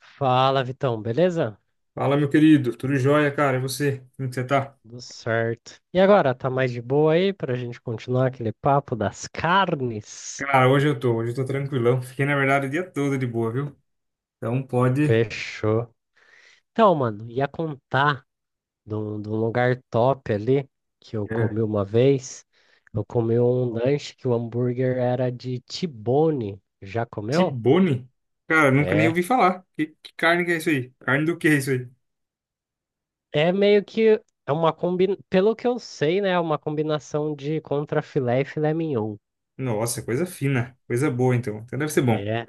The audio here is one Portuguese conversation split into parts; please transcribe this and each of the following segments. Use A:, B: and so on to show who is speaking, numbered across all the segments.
A: Fala, Vitão, beleza?
B: Fala, meu querido. Tudo jóia, cara? E você? Como que você tá?
A: Tudo certo. E agora, tá mais de boa aí pra gente continuar aquele papo das carnes?
B: Cara, hoje eu tô. Hoje eu tô tranquilão. Fiquei, na verdade, o dia todo de boa, viu? Então pode.
A: Fechou. Então, mano, ia contar de um lugar top ali que eu
B: É.
A: comi uma vez. Eu comi um lanche que o hambúrguer era de T-bone. Já comeu?
B: Tibone? Cara, nunca nem
A: É.
B: ouvi falar. Que carne que é isso aí? Carne do que é isso aí?
A: É meio que é uma. Pelo que eu sei, né? É uma combinação de contrafilé e filé mignon.
B: Nossa, coisa fina. Coisa boa, então. Então deve ser bom.
A: É,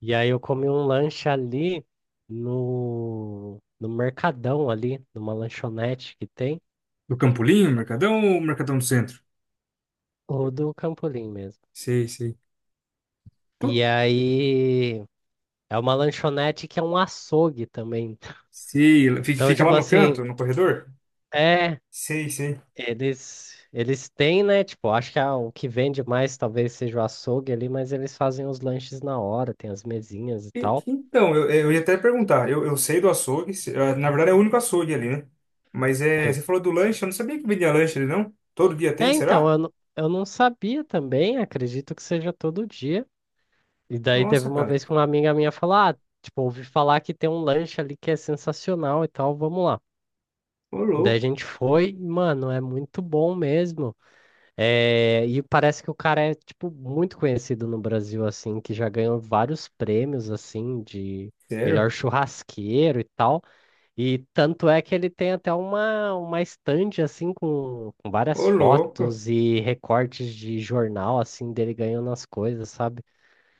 A: e aí eu comi um lanche ali no Mercadão ali, numa lanchonete que tem,
B: Do Campolim, Mercadão ou Mercadão do Centro?
A: ou do Campolim mesmo.
B: Sei, sei.
A: E
B: Qual-
A: aí é uma lanchonete que é um açougue também.
B: Sei. Fica
A: Então,
B: fica lá
A: tipo
B: no
A: assim,
B: canto, no corredor?
A: é,
B: Sei, sei.
A: eles têm, né? Tipo, acho que o que vende mais talvez seja o açougue ali, mas eles fazem os lanches na hora, tem as mesinhas e
B: E-
A: tal.
B: Então, eu ia até perguntar. Eu sei do açougue, se- ah, na verdade é o único açougue ali, né? Mas é,
A: Sei.
B: você falou do lanche, eu não sabia que vendia lanche ali, não? Todo dia tem,
A: É, então,
B: será?
A: eu não sabia também, acredito que seja todo dia. E daí teve
B: Nossa,
A: uma
B: cara.
A: vez que uma amiga minha falou, ah, tipo, ouvi falar que tem um lanche ali que é sensacional e tal, vamos lá.
B: Ô,
A: Daí a
B: louco.
A: gente foi, e, mano, é muito bom mesmo. É, e parece que o cara é, tipo, muito conhecido no Brasil, assim, que já ganhou vários prêmios, assim, de melhor
B: Sério?
A: churrasqueiro e tal. E tanto é que ele tem até uma estande, assim, com várias
B: Ô, louco.
A: fotos e recortes de jornal, assim, dele ganhando as coisas, sabe?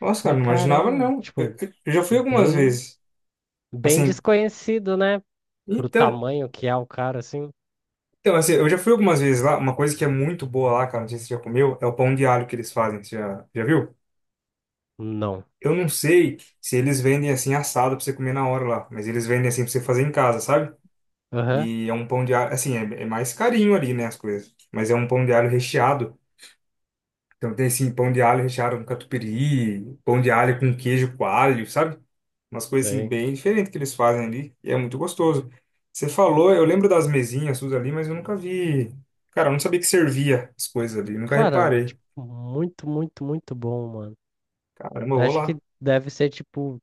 B: Nossa, cara,
A: Falei,
B: não imaginava,
A: caramba,
B: não.
A: tipo,
B: Eu já fui algumas
A: bem,
B: vezes.
A: bem
B: Assim,
A: desconhecido, né? Pro
B: então,
A: tamanho que é o cara, assim.
B: então, assim, eu já fui algumas vezes lá. Uma coisa que é muito boa lá, cara, não sei se você já comeu, é o pão de alho que eles fazem. Você já, já viu?
A: Não.
B: Eu não sei se eles vendem assim assado pra você comer na hora lá, mas eles vendem assim pra você fazer em casa, sabe?
A: Aham,
B: E é um pão de alho, assim, é, é mais carinho ali, né, as coisas. Mas é um pão de alho recheado. Então tem, assim, pão de alho recheado com catupiry, pão de alho com queijo coalho, sabe? Umas coisas, assim,
A: sei.
B: bem diferentes que eles fazem ali. E é muito gostoso. Você falou, eu lembro das mesinhas suas ali, mas eu nunca vi. Cara, eu não sabia que servia as coisas ali, nunca
A: Cara,
B: reparei.
A: tipo, muito, muito, muito bom, mano.
B: Caramba, eu vou
A: Acho que
B: lá.
A: deve ser, tipo,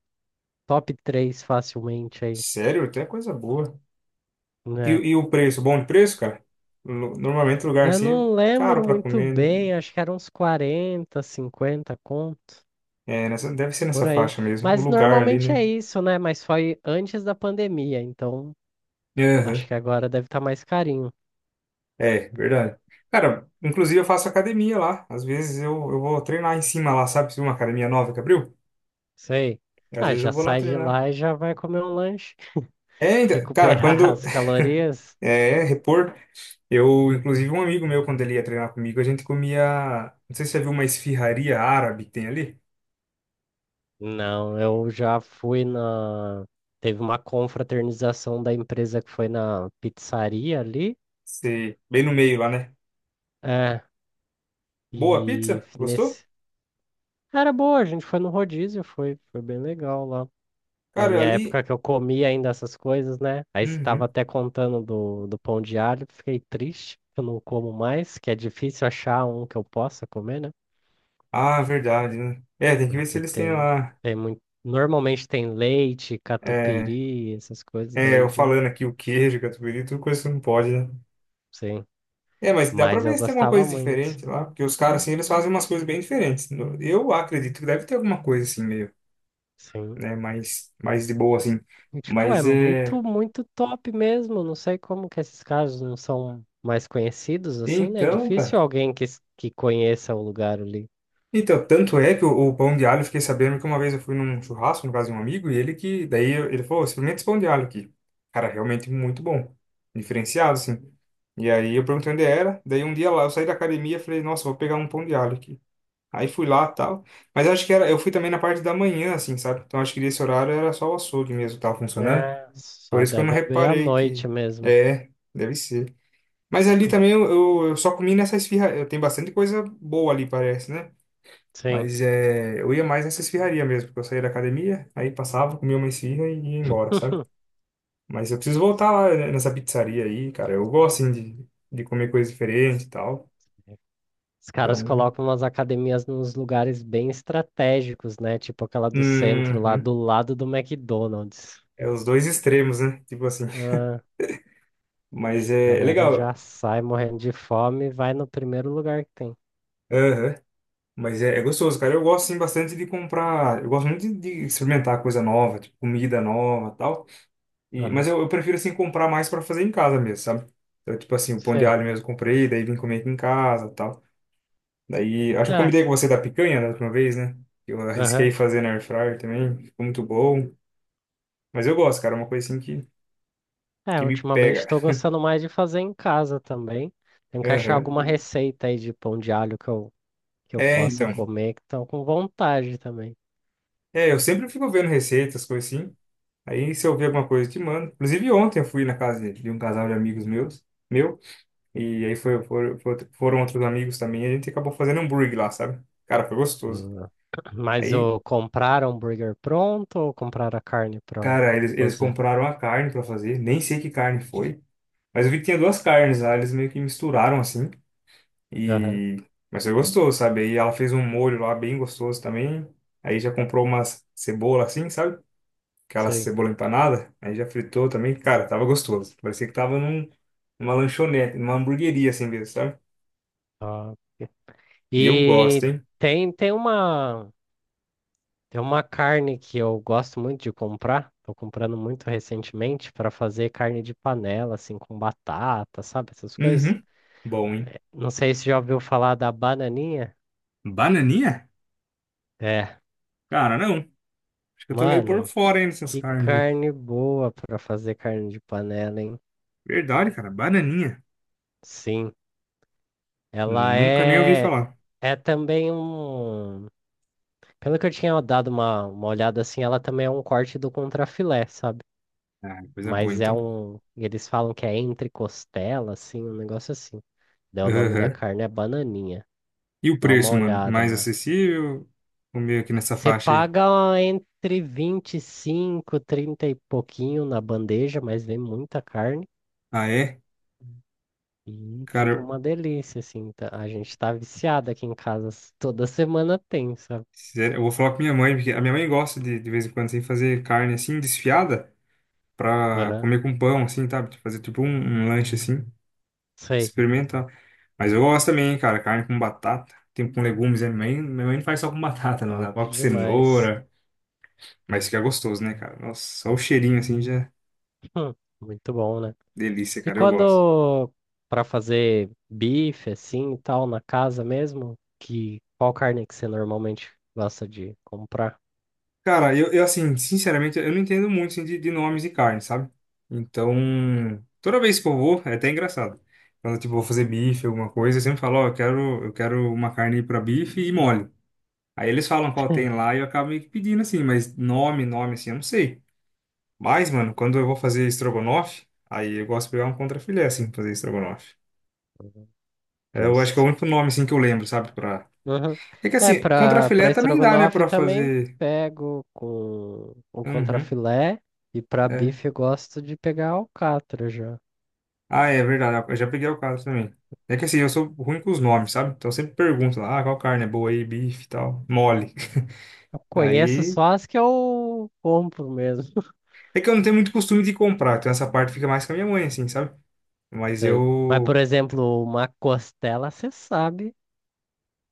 A: top 3 facilmente aí,
B: Sério, até coisa boa.
A: né?
B: E o preço? Bom de preço, cara? Lu- Normalmente lugar
A: Eu
B: assim é
A: não
B: caro
A: lembro
B: pra
A: muito
B: comer, né?
A: bem, acho que eram uns 40, 50 contos,
B: É, nessa, deve ser
A: por
B: nessa
A: aí.
B: faixa mesmo. O
A: Mas
B: lugar ali,
A: normalmente é
B: né?
A: isso, né? Mas foi antes da pandemia, então acho
B: Aham.
A: que agora deve estar mais carinho.
B: É, verdade. Cara, inclusive eu faço academia lá. Às vezes eu vou treinar em cima lá, sabe? Se uma academia nova que abriu,
A: Sei.
B: às
A: Ah,
B: vezes
A: já
B: eu vou lá
A: sai de lá
B: treinar.
A: e já vai comer um lanche.
B: É, então, cara,
A: Recuperar
B: quando
A: as calorias?
B: é repor, eu, inclusive, um amigo meu, quando ele ia treinar comigo, a gente comia. Não sei se você viu uma esfirraria árabe que tem ali.
A: Não, eu já fui na. Teve uma confraternização da empresa que foi na pizzaria ali.
B: Você- bem no meio lá, né?
A: É,
B: Boa
A: e
B: pizza? Gostou?
A: nesse. Era boa, a gente foi no rodízio, foi bem legal lá. Na
B: Cara,
A: minha
B: ali.
A: época que eu comia ainda essas coisas, né? Aí você tava
B: Uhum.
A: até contando do pão de alho, fiquei triste, que eu não como mais, que é difícil achar um que eu possa comer, né?
B: Ah, verdade, né? É, tem que ver se
A: Porque
B: eles têm
A: tem,
B: lá.
A: tem muito. Normalmente tem leite,
B: É,
A: catupiry, essas coisas
B: é,
A: daí
B: eu
A: já.
B: falando aqui o queijo, catupiry, tudo coisa que não pode, né?
A: Sim.
B: É, mas dá pra
A: Mas eu
B: ver se tem alguma
A: gostava
B: coisa
A: muito.
B: diferente lá, porque os caras, assim, eles fazem umas coisas bem diferentes. No- Eu acredito que deve ter alguma coisa, assim, meio,
A: Sim.
B: né, mais de boa, assim.
A: E, tipo, é
B: Mas, é.
A: muito, muito top mesmo. Não sei como que esses casos não são mais conhecidos assim, né? É
B: Então,
A: difícil
B: cara.
A: alguém que conheça o lugar ali.
B: Então, tanto é que o pão de alho, eu fiquei sabendo que uma vez eu fui num churrasco, no caso de um amigo, e ele que. Daí eu- ele falou, experimenta esse pão de alho aqui. Cara, realmente muito bom. Diferenciado, assim. E aí eu perguntei onde era, daí um dia lá eu saí da academia e falei, nossa, vou pegar um pão de alho aqui. Aí fui lá e tal. Mas acho que era, eu fui também na parte da manhã, assim, sabe? Então acho que nesse horário era só o açougue mesmo que tava funcionando.
A: É,
B: Por
A: só
B: isso que eu não
A: deve abrir à
B: reparei que.
A: noite mesmo.
B: É, deve ser. Mas ali também eu, eu só comi nessa esfirra. Tem bastante coisa boa ali, parece, né?
A: Sim.
B: Mas é, eu ia mais nessa esfirraria mesmo, porque eu saía da academia, aí passava, comia uma esfirra e ia embora, sabe? Mas eu preciso voltar lá né, nessa pizzaria aí, cara. Eu gosto, assim, de comer coisa diferente e tal.
A: Os caras
B: Então,
A: colocam umas academias nos lugares bem estratégicos, né? Tipo aquela do centro lá,
B: uhum,
A: do lado do McDonald's.
B: é os dois extremos, né? Tipo assim.
A: Ah,
B: Mas é, é
A: galera
B: legal.
A: já sai morrendo de fome e vai no primeiro lugar que tem.
B: Aham. Mas é, é gostoso, cara. Eu gosto, sim, bastante de comprar. Eu gosto muito de experimentar coisa nova, tipo, comida nova tal. E, mas
A: Aham,
B: eu prefiro, assim, comprar mais pra fazer em casa mesmo, sabe? Então, tipo assim, o pão de
A: sei.
B: alho mesmo eu comprei, daí vim comer aqui em casa tal. Daí, acho que eu
A: É,
B: comentei com você da picanha né, da última vez, né? Eu
A: aham.
B: arrisquei fazer na air fryer também, ficou muito bom. Mas eu gosto, cara, é uma coisa assim
A: É,
B: que me
A: ultimamente
B: pega.
A: estou gostando mais de fazer em casa também. Tenho que achar
B: Aham.
A: alguma receita aí de pão de alho que eu
B: É,
A: possa
B: então.
A: comer, que estão com vontade também.
B: É, eu sempre fico vendo receitas, coisas assim. Aí se eu ver alguma coisa, eu te mando. Inclusive ontem eu fui na casa de um casal de amigos meus, meu, e aí foi, foram, foram outros amigos também, e a gente acabou fazendo hambúrguer lá, sabe? Cara, foi gostoso.
A: Hum. Mas
B: Aí,
A: o comprar hambúrguer pronto ou comprar a carne para
B: cara, eles
A: fazer?
B: compraram a carne pra fazer, nem sei que carne foi, mas eu vi que tinha duas carnes lá, eles meio que misturaram assim,
A: Aham,
B: e. Mas foi gostoso, sabe? Aí ela fez um molho lá bem gostoso também, aí já comprou umas cebola assim, sabe? Aquela
A: sei.
B: cebola empanada, aí já fritou também, cara, tava gostoso. Parecia que tava num, numa lanchonete, numa hamburgueria assim mesmo, sabe?
A: Ah,
B: E eu gosto,
A: e
B: hein?
A: tem uma. Tem uma carne que eu gosto muito de comprar, tô comprando muito recentemente para fazer carne de panela, assim, com batata, sabe? Essas coisas.
B: Uhum. Bom, hein?
A: Não sei se já ouviu falar da bananinha.
B: Bananinha?
A: É,
B: Cara, não. Acho que eu tô meio por
A: mano,
B: fora aí nessas
A: que
B: carnes aí.
A: carne boa para fazer carne de panela, hein?
B: Verdade, cara, bananinha.
A: Sim, ela
B: Nunca nem ouvi
A: é.
B: falar.
A: É também um. Pelo que eu tinha dado uma olhada assim, ela também é um corte do contrafilé, sabe?
B: Ah, coisa boa
A: Mas é
B: então.
A: um. Eles falam que é entre costela, assim, um negócio assim. Daí o nome da
B: Aham.
A: carne é bananinha.
B: E o
A: Dá uma
B: preço, mano?
A: olhada
B: Mais
A: lá.
B: acessível? O meio aqui nessa
A: Você
B: faixa aí.
A: paga entre 25, 30 e pouquinho na bandeja, mas vem muita carne
B: Ah, é?
A: e fica
B: Cara,
A: uma delícia, assim. A gente tá viciado aqui em casa. Toda semana tem, sabe?
B: sério, eu vou falar com minha mãe, porque a minha mãe gosta de vez em quando assim, fazer carne assim, desfiada. Pra
A: Aham.
B: comer com pão, assim, tá? Fazer tipo um, um lanche assim,
A: Sei.
B: experimentar. Mas eu gosto também, cara, carne com batata, tem com legumes, né? Minha mãe não faz só com batata, não,
A: Top
B: ela coloca
A: demais.
B: cenoura, mas fica gostoso, né, cara? Nossa, só o cheirinho assim já é
A: Hum, muito bom, né?
B: delícia,
A: E
B: cara, eu gosto.
A: quando pra fazer bife, assim, e tal, na casa mesmo, que qual carne que você normalmente gosta de comprar?
B: Cara, eu assim, sinceramente, eu não entendo muito assim, de nomes de carne, sabe? Então, toda vez que eu vou, é até engraçado. Quando, tipo, vou fazer bife, alguma coisa, eu sempre falo, ó, eu quero uma carne pra bife e mole. Aí eles falam qual tem lá e eu acabo meio que pedindo assim, mas nome, nome assim, eu não sei. Mas, mano, quando eu vou fazer estrogonofe, aí eu gosto de pegar um contrafilé assim, pra fazer estrogonofe. É, eu acho que é
A: Justo.
B: o único nome assim que eu lembro, sabe? Pra.
A: Uhum.
B: É que
A: É,
B: assim,
A: pra
B: contrafilé também dá, né,
A: estrogonofe
B: pra
A: também
B: fazer.
A: pego com o
B: Uhum,
A: contrafilé e pra
B: é.
A: bife eu gosto de pegar alcatra já.
B: Ah, é verdade, eu já peguei o caso também. É que assim, eu sou ruim com os nomes, sabe? Então eu sempre pergunto lá, ah, qual carne é boa aí, bife e tal, mole.
A: Eu conheço
B: Aí.
A: só as que eu compro mesmo.
B: É que eu não tenho muito costume de comprar, então essa parte fica mais com a minha mãe, assim, sabe? Mas
A: Sei. Mas, por
B: eu.
A: exemplo, uma costela, você sabe,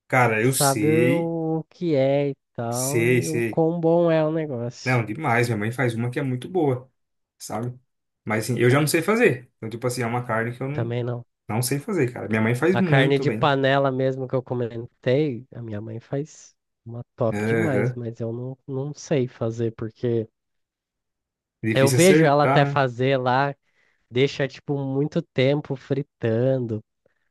B: Cara, eu
A: sabe
B: sei,
A: o que é e tal,
B: sei,
A: e o
B: sei.
A: quão bom é o negócio.
B: Não, demais. Minha mãe faz uma que é muito boa, sabe? Mas assim, eu já não sei fazer. Então, tipo assim, é uma carne que eu não,
A: Também não.
B: não sei fazer, cara. Minha mãe faz
A: A carne
B: muito
A: de
B: bem.
A: panela mesmo que eu comentei, a minha mãe faz uma top demais,
B: Aham.
A: mas eu não sei fazer porque. Eu
B: Difícil
A: vejo ela
B: acertar,
A: até
B: né?
A: fazer lá, deixa tipo muito tempo fritando.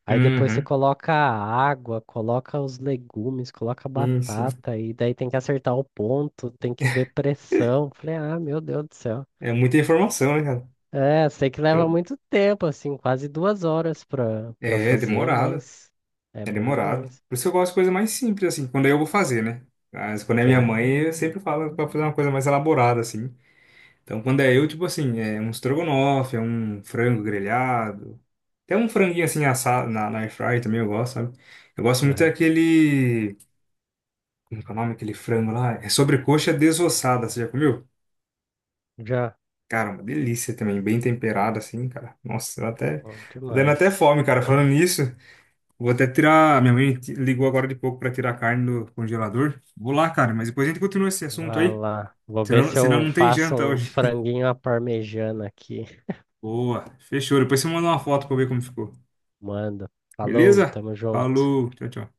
A: Aí depois você
B: Uhum.
A: coloca a água, coloca os legumes, coloca a
B: Sim, sim.
A: batata, e daí tem que acertar o ponto, tem que ver pressão. Falei, ah, meu Deus do céu.
B: É muita informação, né, cara?
A: É, sei que leva
B: Então,
A: muito tempo, assim, quase 2 horas pra
B: é
A: fazer,
B: demorado.
A: mas é
B: É
A: bom
B: demorado.
A: demais.
B: Por isso que eu gosto de coisa mais simples, assim, quando eu vou fazer, né? Mas quando é minha
A: Sim,
B: mãe, eu sempre falo pra fazer uma coisa mais elaborada, assim. Então, quando é eu, tipo assim, é um estrogonofe, é um frango grelhado. Até um franguinho assim assado na air fry também eu gosto, sabe? Eu gosto muito
A: aham.
B: daquele. Como que é o nome daquele frango lá? É sobrecoxa desossada, você já comeu?
A: Já,
B: Cara, uma delícia também, bem temperada assim, cara. Nossa, eu até.
A: bom
B: Tô dando até
A: demais.
B: fome, cara. Falando nisso, vou até tirar. Minha mãe ti- ligou agora de pouco pra tirar a carne do congelador. Vou lá, cara, mas depois a gente continua esse assunto
A: Vai
B: aí.
A: lá. Vou ver
B: Senão,
A: se
B: senão
A: eu
B: não tem
A: faço
B: janta
A: um
B: hoje.
A: franguinho à parmegiana aqui.
B: Boa, fechou. Depois você manda uma foto pra eu ver como ficou.
A: Manda. Falou,
B: Beleza?
A: tamo junto.
B: Falou, tchau, tchau.